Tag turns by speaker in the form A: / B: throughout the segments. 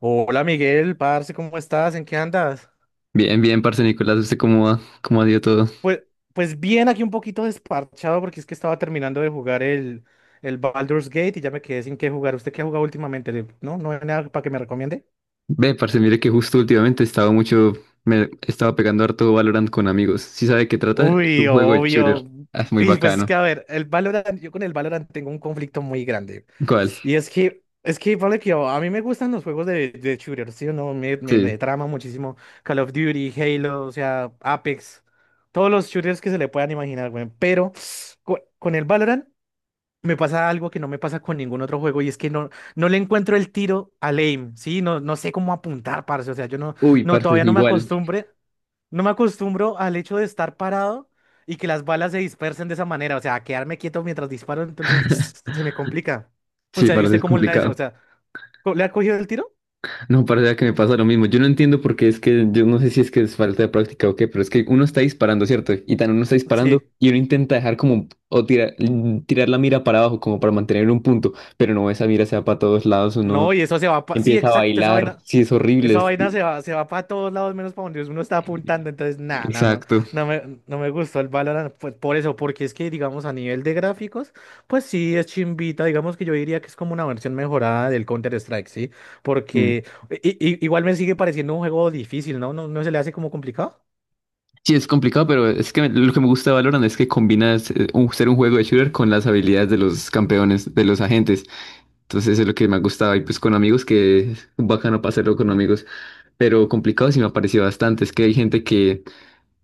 A: Hola Miguel, parce, ¿cómo estás? ¿En qué andas?
B: Bien, bien, parce Nicolás, ¿usted cómo va? ¿Cómo ha ido todo?
A: Pues, pues bien, aquí un poquito desparchado porque es que estaba terminando de jugar el Baldur's Gate y ya me quedé sin qué jugar. ¿Usted qué ha jugado últimamente? ¿No? ¿No hay nada para que me recomiende?
B: Ve, parce, mire que justo últimamente estaba mucho, me estaba pegando harto Valorant con amigos. ¿Sí sabe de qué trata? Es
A: Uy,
B: un juego de
A: obvio.
B: shooter. Ah, es muy
A: Y pues es
B: bacano.
A: que, a ver, el Valorant, yo con el Valorant tengo un conflicto muy grande.
B: ¿Cuál?
A: Y es que, vale que a mí me gustan los juegos de shooter, ¿sí o no? Me
B: Sí.
A: trama muchísimo Call of Duty, Halo, o sea, Apex, todos los shooters que se le puedan imaginar, güey. Pero con el Valorant me pasa algo que no me pasa con ningún otro juego y es que no le encuentro el tiro al aim, ¿sí? No sé cómo apuntar, parce, o sea, yo no,
B: Uy,
A: no,
B: parce,
A: todavía
B: igual.
A: no me acostumbro al hecho de estar parado y que las balas se dispersen de esa manera, o sea, a quedarme quieto mientras disparo, entonces se me complica. O
B: Sí,
A: sea, ¿y
B: parce,
A: usted
B: es
A: cómo le da eso? O
B: complicado.
A: sea, ¿le ha cogido el tiro?
B: No, parce, vea que me pasa lo mismo. Yo no entiendo por qué es que, yo no sé si es que es falta de práctica o qué, pero es que uno está disparando, ¿cierto? Y tan uno está disparando
A: Sí.
B: y uno intenta dejar como, tirar la mira para abajo como para mantener un punto, pero no, esa mira se va para todos lados,
A: No,
B: uno...
A: y eso se va sí,
B: Empieza a
A: exacto, esa
B: bailar,
A: vaina.
B: sí, es horrible.
A: Esa vaina se va para todos lados menos para donde uno está apuntando, entonces nada,
B: Exacto.
A: no me gustó el Valorant, pues por eso, porque es que digamos a nivel de gráficos, pues sí es chimbita, digamos que yo diría que es como una versión mejorada del Counter-Strike, ¿sí?
B: Mm.
A: Porque igual me sigue pareciendo un juego difícil, ¿no? No se le hace como complicado?
B: Sí, es complicado, pero es que lo que me gusta de Valorant es que combinas ser un juego de shooter con las habilidades de los campeones, de los agentes. Entonces, eso es lo que me ha gustado. Y pues con amigos, que es bacano pasarlo con amigos. Pero complicado sí me ha parecido bastante. Es que hay gente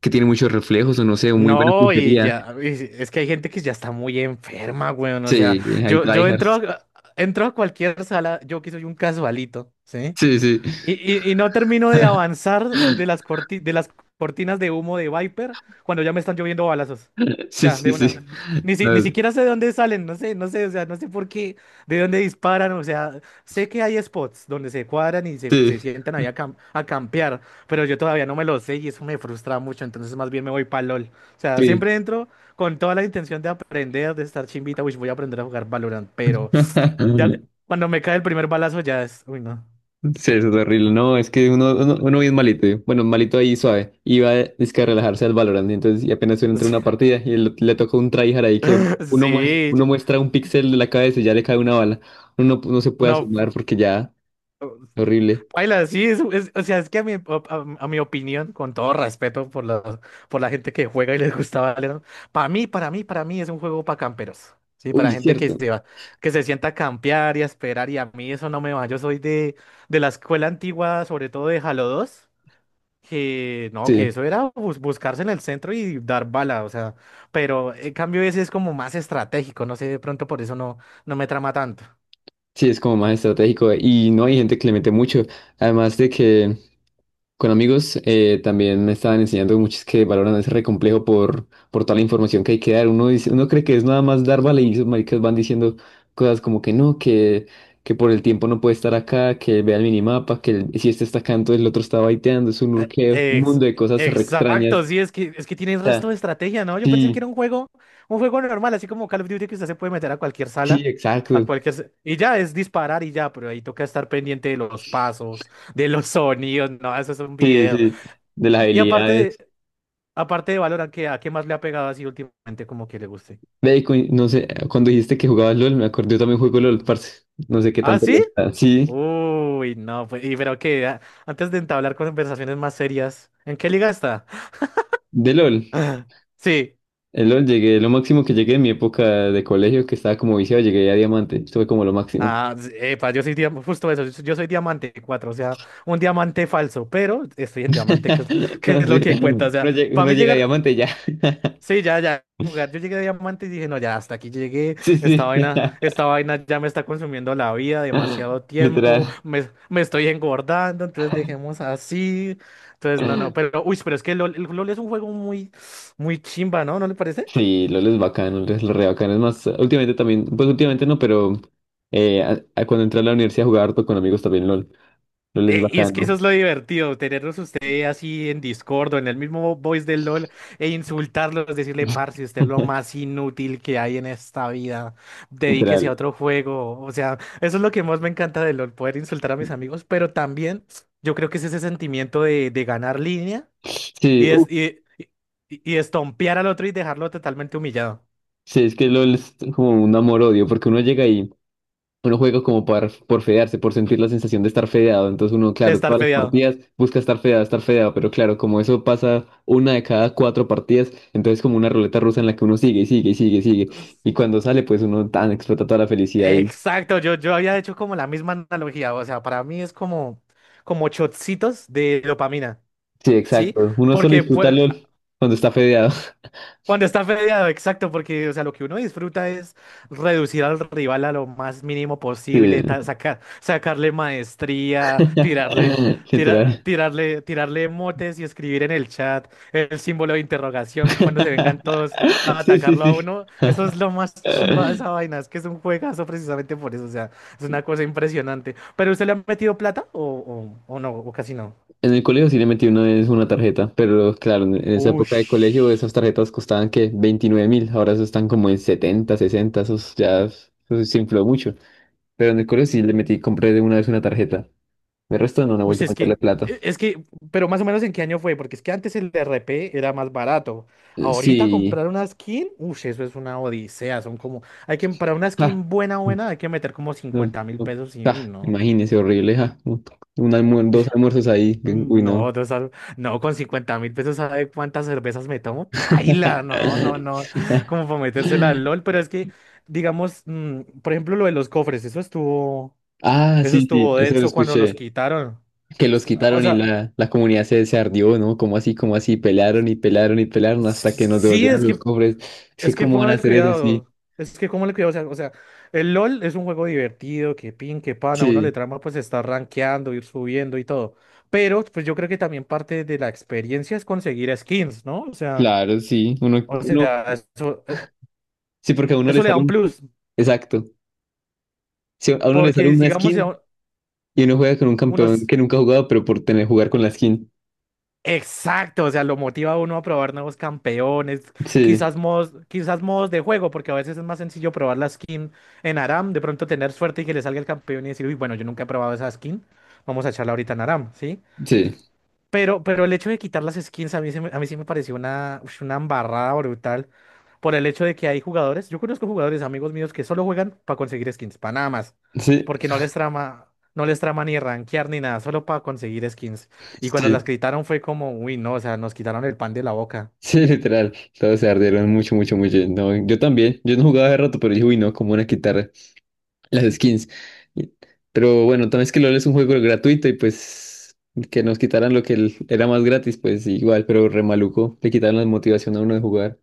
B: que tiene muchos reflejos o no sé, muy buena
A: No, y
B: puntería.
A: ya, es que hay gente que ya está muy enferma, weón, o sea,
B: Sí, hay
A: yo entro,
B: tryhards.
A: entro a cualquier sala, yo que soy un casualito, ¿sí?
B: Sí, sí.
A: Y, y no termino de avanzar de las cortinas de humo de Viper cuando ya me están lloviendo balazos.
B: Sí,
A: Ya,
B: sí,
A: de una.
B: sí.
A: Ni
B: No,
A: siquiera sé de dónde salen, o sea, no sé por qué, de dónde disparan, o sea, sé que hay spots donde se cuadran se
B: sí,
A: sientan ahí a, a campear, pero yo todavía no me lo sé y eso me frustra mucho, entonces más bien me voy para LOL. O sea,
B: sí.
A: siempre entro con toda la intención de aprender, de estar chimbita, uy, voy a aprender a jugar Valorant, pero ya cuando me cae el primer balazo ya es, uy, no.
B: Sí, eso es horrible. No, es que uno bien malito. Yo. Bueno, malito ahí suave. Iba es que a relajarse al Valorant. Y entonces, y apenas uno entra una partida y le toca un tryhard ahí que
A: Sí,
B: uno muestra un píxel de la cabeza y ya le cae una bala. Uno no se puede
A: no,
B: asomar porque ya, horrible.
A: paila, sí, o sea, es que a a mi opinión, con todo respeto por la gente que juega y les gusta Valorant, para mí es un juego para camperos, sí,
B: Uy,
A: para
B: es
A: gente que
B: cierto.
A: se va, que se sienta a campear y a esperar, y a mí eso no me va, yo soy de la escuela antigua, sobre todo de Halo 2, que no, que
B: Sí,
A: eso era buscarse en el centro y dar bala, o sea, pero en cambio ese es como más estratégico, no sé, de pronto por eso no me trama tanto.
B: sí, es como más estratégico. Y no hay gente que le mete mucho. Además de que. Con amigos, también me estaban enseñando muchos que valoran ese re complejo por toda la información que hay que dar. Uno dice, uno cree que es nada más dar vale y esos maricas van diciendo cosas como que no, que por el tiempo no puede estar acá, que vea el minimapa, que si este está acá, entonces el otro está baiteando, es un urqueo,
A: Eh,
B: un
A: ex-
B: mundo de cosas re
A: exacto,
B: extrañas.
A: sí, es que tiene el
B: O
A: resto
B: sea,
A: de estrategia, ¿no? Yo pensé que era
B: sí,
A: un juego normal, así como Call of Duty que usted se puede meter a cualquier
B: sí,
A: sala, a
B: exacto.
A: cualquier... y ya es disparar y ya, pero ahí toca estar pendiente de los pasos, de los sonidos, no, eso es un
B: Sí,
A: video.
B: sí, de las
A: Y,
B: habilidades.
A: aparte de Valorant, ¿qué, a qué más le ha pegado así últimamente como que le guste?
B: Ve, y no sé, cuando dijiste que jugabas LOL, me acordé, yo también juego LOL, parce. No sé qué
A: ¿Ah,
B: tanto
A: sí?
B: le da. Sí,
A: Uy, no, pues, y pero que antes de entablar conversaciones más serias, ¿en qué liga está?
B: de LOL.
A: Sí.
B: El LOL llegué, lo máximo que llegué en mi época de colegio, que estaba como viciado, llegué a diamante. Esto fue como lo máximo.
A: Ah, epa, yo soy justo eso, yo soy diamante 4, o sea, un diamante falso, pero estoy en diamante, que es lo
B: Sí,
A: que cuenta, o sea,
B: uno llega,
A: para
B: uno
A: mí
B: llega a
A: llegar,
B: diamante y ya.
A: sí, ya, jugar, yo llegué a diamante y dije, no, ya, hasta aquí llegué,
B: Sí, sí.
A: esta vaina ya me está consumiendo la vida, demasiado
B: Literal.
A: tiempo, me estoy engordando, entonces dejemos así, entonces, no, no, pero, uy, pero es que LOL, el LOL es un juego muy, muy chimba, ¿no? ¿No le parece?
B: Sí, LOL es bacano, LOL es re bacano. Es más, últimamente también, pues últimamente no, pero a cuando entré a la universidad jugaba harto con amigos también LOL. LOL es
A: Y es que eso
B: bacano.
A: es lo divertido, tenerlos ustedes así en Discord o en el mismo voice del LOL e insultarlos, decirle, parce, usted es lo más inútil que hay en esta vida, dedíquese a
B: Literal.
A: otro juego. O sea, eso es lo que más me encanta de LOL, poder insultar a mis amigos, pero también yo creo que es ese sentimiento de ganar línea y,
B: Sí, uf,
A: es, y, y estompear al otro y dejarlo totalmente humillado,
B: sí, es que LOL es como un amor-odio, porque uno llega y uno juega como por fedearse, por sentir la sensación de estar fedeado. Entonces uno,
A: de
B: claro,
A: estar
B: todas las
A: fedeado.
B: partidas busca estar fedeado, pero claro, como eso pasa una de cada cuatro partidas, entonces como una ruleta rusa en la que uno sigue y sigue y sigue y sigue. Y cuando sale, pues uno tan explota toda la felicidad. Y,
A: Exacto, yo había hecho como la misma analogía, o sea, para mí es como, como shotcitos de dopamina,
B: sí,
A: ¿sí?
B: exacto. Uno solo
A: Porque
B: disfruta
A: fue-
B: LOL cuando está fedeado.
A: cuando está fedeado, exacto, porque o sea, lo que uno disfruta es reducir al rival a lo más mínimo posible,
B: Sí.
A: sacarle maestría,
B: Literal.
A: tirarle motes y escribir en el chat el símbolo de interrogación cuando se vengan todos a
B: Sí, sí,
A: atacarlo a
B: sí.
A: uno. Eso es lo más chimba de esa vaina, es que es un juegazo precisamente por eso, o sea, es una cosa impresionante. ¿Pero usted le ha metido plata o no, o casi no?
B: En el colegio sí le metí una vez una tarjeta, pero claro, en esa época de colegio esas
A: Ush.
B: tarjetas costaban que 29.000, ahora eso están como en 70, 60, esos ya eso se infló mucho. Pero en el colegio sí le metí, compré de una vez una tarjeta. El resto no, no
A: Uy,
B: volví a meterle plata.
A: es que, pero más o menos en qué año fue, porque es que antes el DRP era más barato. Ahorita comprar
B: Sí,
A: una skin, uy, eso es una odisea, son como, hay que, para una
B: ja,
A: skin buena, buena, hay que meter como
B: no,
A: cincuenta mil
B: no,
A: pesos y,
B: ja,
A: uy, no.
B: imagínese, horrible, ja. Un dos almuerzos ahí, uy,
A: Mm,
B: no.
A: no, con 50.000 pesos, ¿sabe cuántas cervezas me tomo? Paila, no, como para metérsela al LOL, pero es que, digamos, mm, por ejemplo, lo de los cofres,
B: Ah,
A: eso
B: sí, sí,
A: estuvo
B: eso lo
A: denso cuando los
B: escuché.
A: quitaron.
B: Que los
A: O
B: quitaron y
A: sea,
B: la comunidad se ardió, ¿no? Como así, pelearon y pelearon y pelearon hasta que nos
A: sí,
B: devolvieron
A: es
B: los
A: que
B: cofres. Es que
A: es que
B: cómo van a
A: póngale
B: hacer eso, sí.
A: cuidado. Es que, ¿cómo le cuidado? O sea, el LOL es un juego divertido, que pin, que pan, a uno le
B: Sí,
A: trama pues estar rankeando, ir subiendo y todo. Pero, pues yo creo que también parte de la experiencia es conseguir skins, ¿no?
B: claro, sí.
A: Eso,
B: Sí, porque a uno le
A: eso le da
B: sale
A: un
B: un,
A: plus.
B: exacto. Sí, a uno le sale
A: Porque,
B: una
A: digamos, si a un-
B: skin y uno juega con un campeón
A: unos.
B: que nunca ha jugado, pero por tener jugar con la skin.
A: Exacto, o sea, lo motiva a uno a probar nuevos campeones,
B: Sí,
A: quizás modos de juego, porque a veces es más sencillo probar la skin en Aram, de pronto tener suerte y que le salga el campeón y decir, uy, bueno, yo nunca he probado esa skin, vamos a echarla ahorita en Aram, ¿sí?
B: sí,
A: Pero el hecho de quitar las skins a mí, a mí sí me pareció una, ush, una embarrada brutal por el hecho de que hay jugadores, yo conozco jugadores, amigos míos, que solo juegan para conseguir skins, para nada más,
B: sí,
A: porque no les trama, no les trama ni rankear ni nada, solo para conseguir skins. Y cuando las
B: sí.
A: quitaron fue como, uy, no, o sea, nos quitaron el pan de la boca.
B: Sí, literal, todos se ardieron mucho, mucho, mucho. No, yo también, yo no jugaba hace rato, pero dije, uy, no, cómo van a quitar las skins. Y... Pero bueno, también es que LOL es un juego gratuito y pues que nos quitaran lo que era más gratis, pues igual, pero re maluco, le quitaron la motivación a uno de jugar.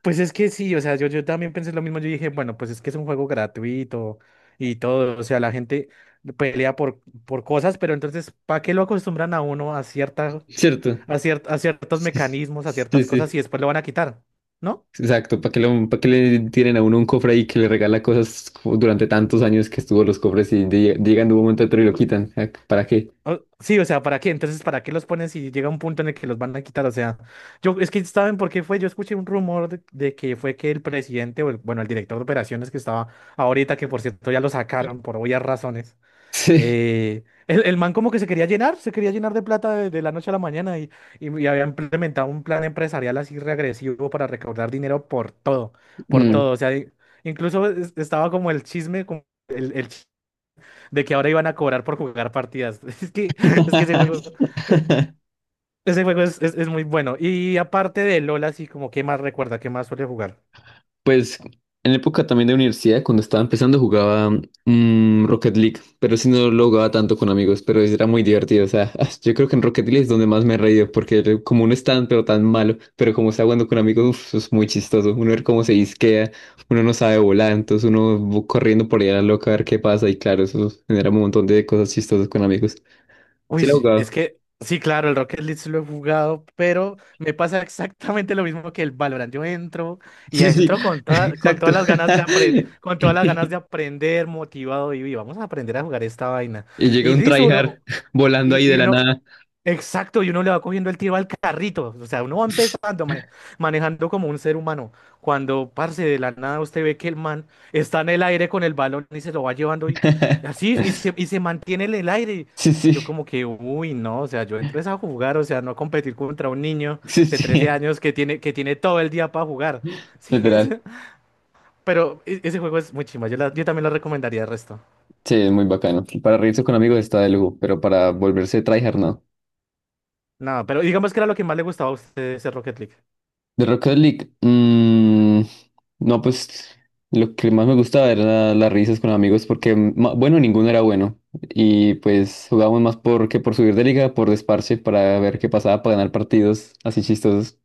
A: Pues es que sí, o sea, yo también pensé lo mismo, yo dije, bueno, pues es que es un juego gratuito y todo, o sea, la gente pelea por cosas, pero entonces, ¿para qué lo acostumbran a uno a cierta,
B: ¿Cierto?
A: a ciertos mecanismos, a
B: Sí, sí,
A: ciertas
B: sí.
A: cosas y después lo van a quitar? ¿No?
B: Exacto, ¿para que le tienen a uno un cofre ahí que le regala cosas como durante tantos años que estuvo los cofres y llegan de un momento a otro y lo quitan? ¿Ah, ¿para qué?
A: Sí, o sea, ¿para qué? Entonces, ¿para qué los pones si llega un punto en el que los van a quitar? O sea, yo, es que ¿saben por qué fue? Yo escuché un rumor de que fue que el presidente, bueno, el director de operaciones que estaba ahorita, que por cierto ya lo sacaron por obvias razones.
B: Sí.
A: El man como que se quería llenar de plata de la noche a la mañana y, y había implementado un plan empresarial así regresivo para recaudar dinero por todo, por
B: Mm.
A: todo. O sea, incluso estaba como el chisme, como el, de que ahora iban a cobrar por jugar partidas. Es que eh, ese juego es muy bueno. Y aparte de LOL, así como, ¿qué más recuerda? ¿Qué más suele jugar?
B: Pues en época también de universidad, cuando estaba empezando, jugaba Rocket League, pero sí no lo jugaba tanto con amigos, pero era muy divertido. O sea, yo creo que en Rocket League es donde más me he reído, porque como uno es tan, pero tan malo, pero como está jugando con amigos, uf, eso es muy chistoso. Uno ver cómo se disquea, uno no sabe volar, entonces uno va corriendo por ahí a la loca a ver qué pasa, y claro, eso genera un montón de cosas chistosas con amigos. Sí,
A: Uy,
B: la
A: sí,
B: jugaba.
A: es que sí, claro, el Rocket League sí lo he jugado, pero me pasa exactamente lo mismo que el Valorant. Yo entro y
B: Sí, sí,
A: entro con
B: exacto.
A: todas las ganas de con todas las ganas de aprender, motivado y "Uy, vamos a aprender a jugar esta vaina".
B: Y llega
A: Y
B: un
A: listo,
B: tryhard
A: bro,
B: volando ahí
A: y, y
B: de la
A: uno,
B: nada.
A: exacto, y uno le va cogiendo el tiro al carrito. O sea, uno va empezando manejando como un ser humano. Cuando, parce, de la nada usted ve que el man está en el aire con el balón y se lo va llevando y así, y se mantiene en el aire.
B: Sí,
A: Y yo
B: sí,
A: como que, uy, no, o sea, yo entro es a jugar, o sea, no a competir contra un niño
B: sí,
A: de 13
B: sí,
A: años que tiene todo el día para jugar. Sí, es-
B: literal.
A: pero ese juego es muy chimba, yo, yo también lo recomendaría el resto.
B: Sí, es muy bacano. Para reírse con amigos está de lujo, pero para volverse tryhard no.
A: No, pero digamos que era lo que más le gustaba a usted de ese Rocket League.
B: De Rocket League, mm, no, pues lo que más me gustaba era las risas con amigos porque, bueno, ninguno era bueno. Y pues jugábamos más por que por subir de liga, por desparche, para ver qué pasaba, para ganar partidos así chistosos.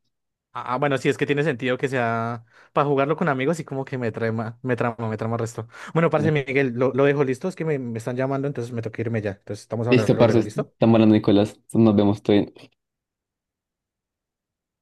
A: Ah, ah, bueno, sí, es que tiene sentido que sea para jugarlo con amigos y como que me trama resto. Bueno, parce Miguel, lo dejo listo, es que me están llamando, entonces me toca irme ya. Entonces estamos
B: Listo,
A: hablando
B: parce,
A: luego, ¿listo?
B: estamos hablando, Nicolás. Nos vemos, todo bien.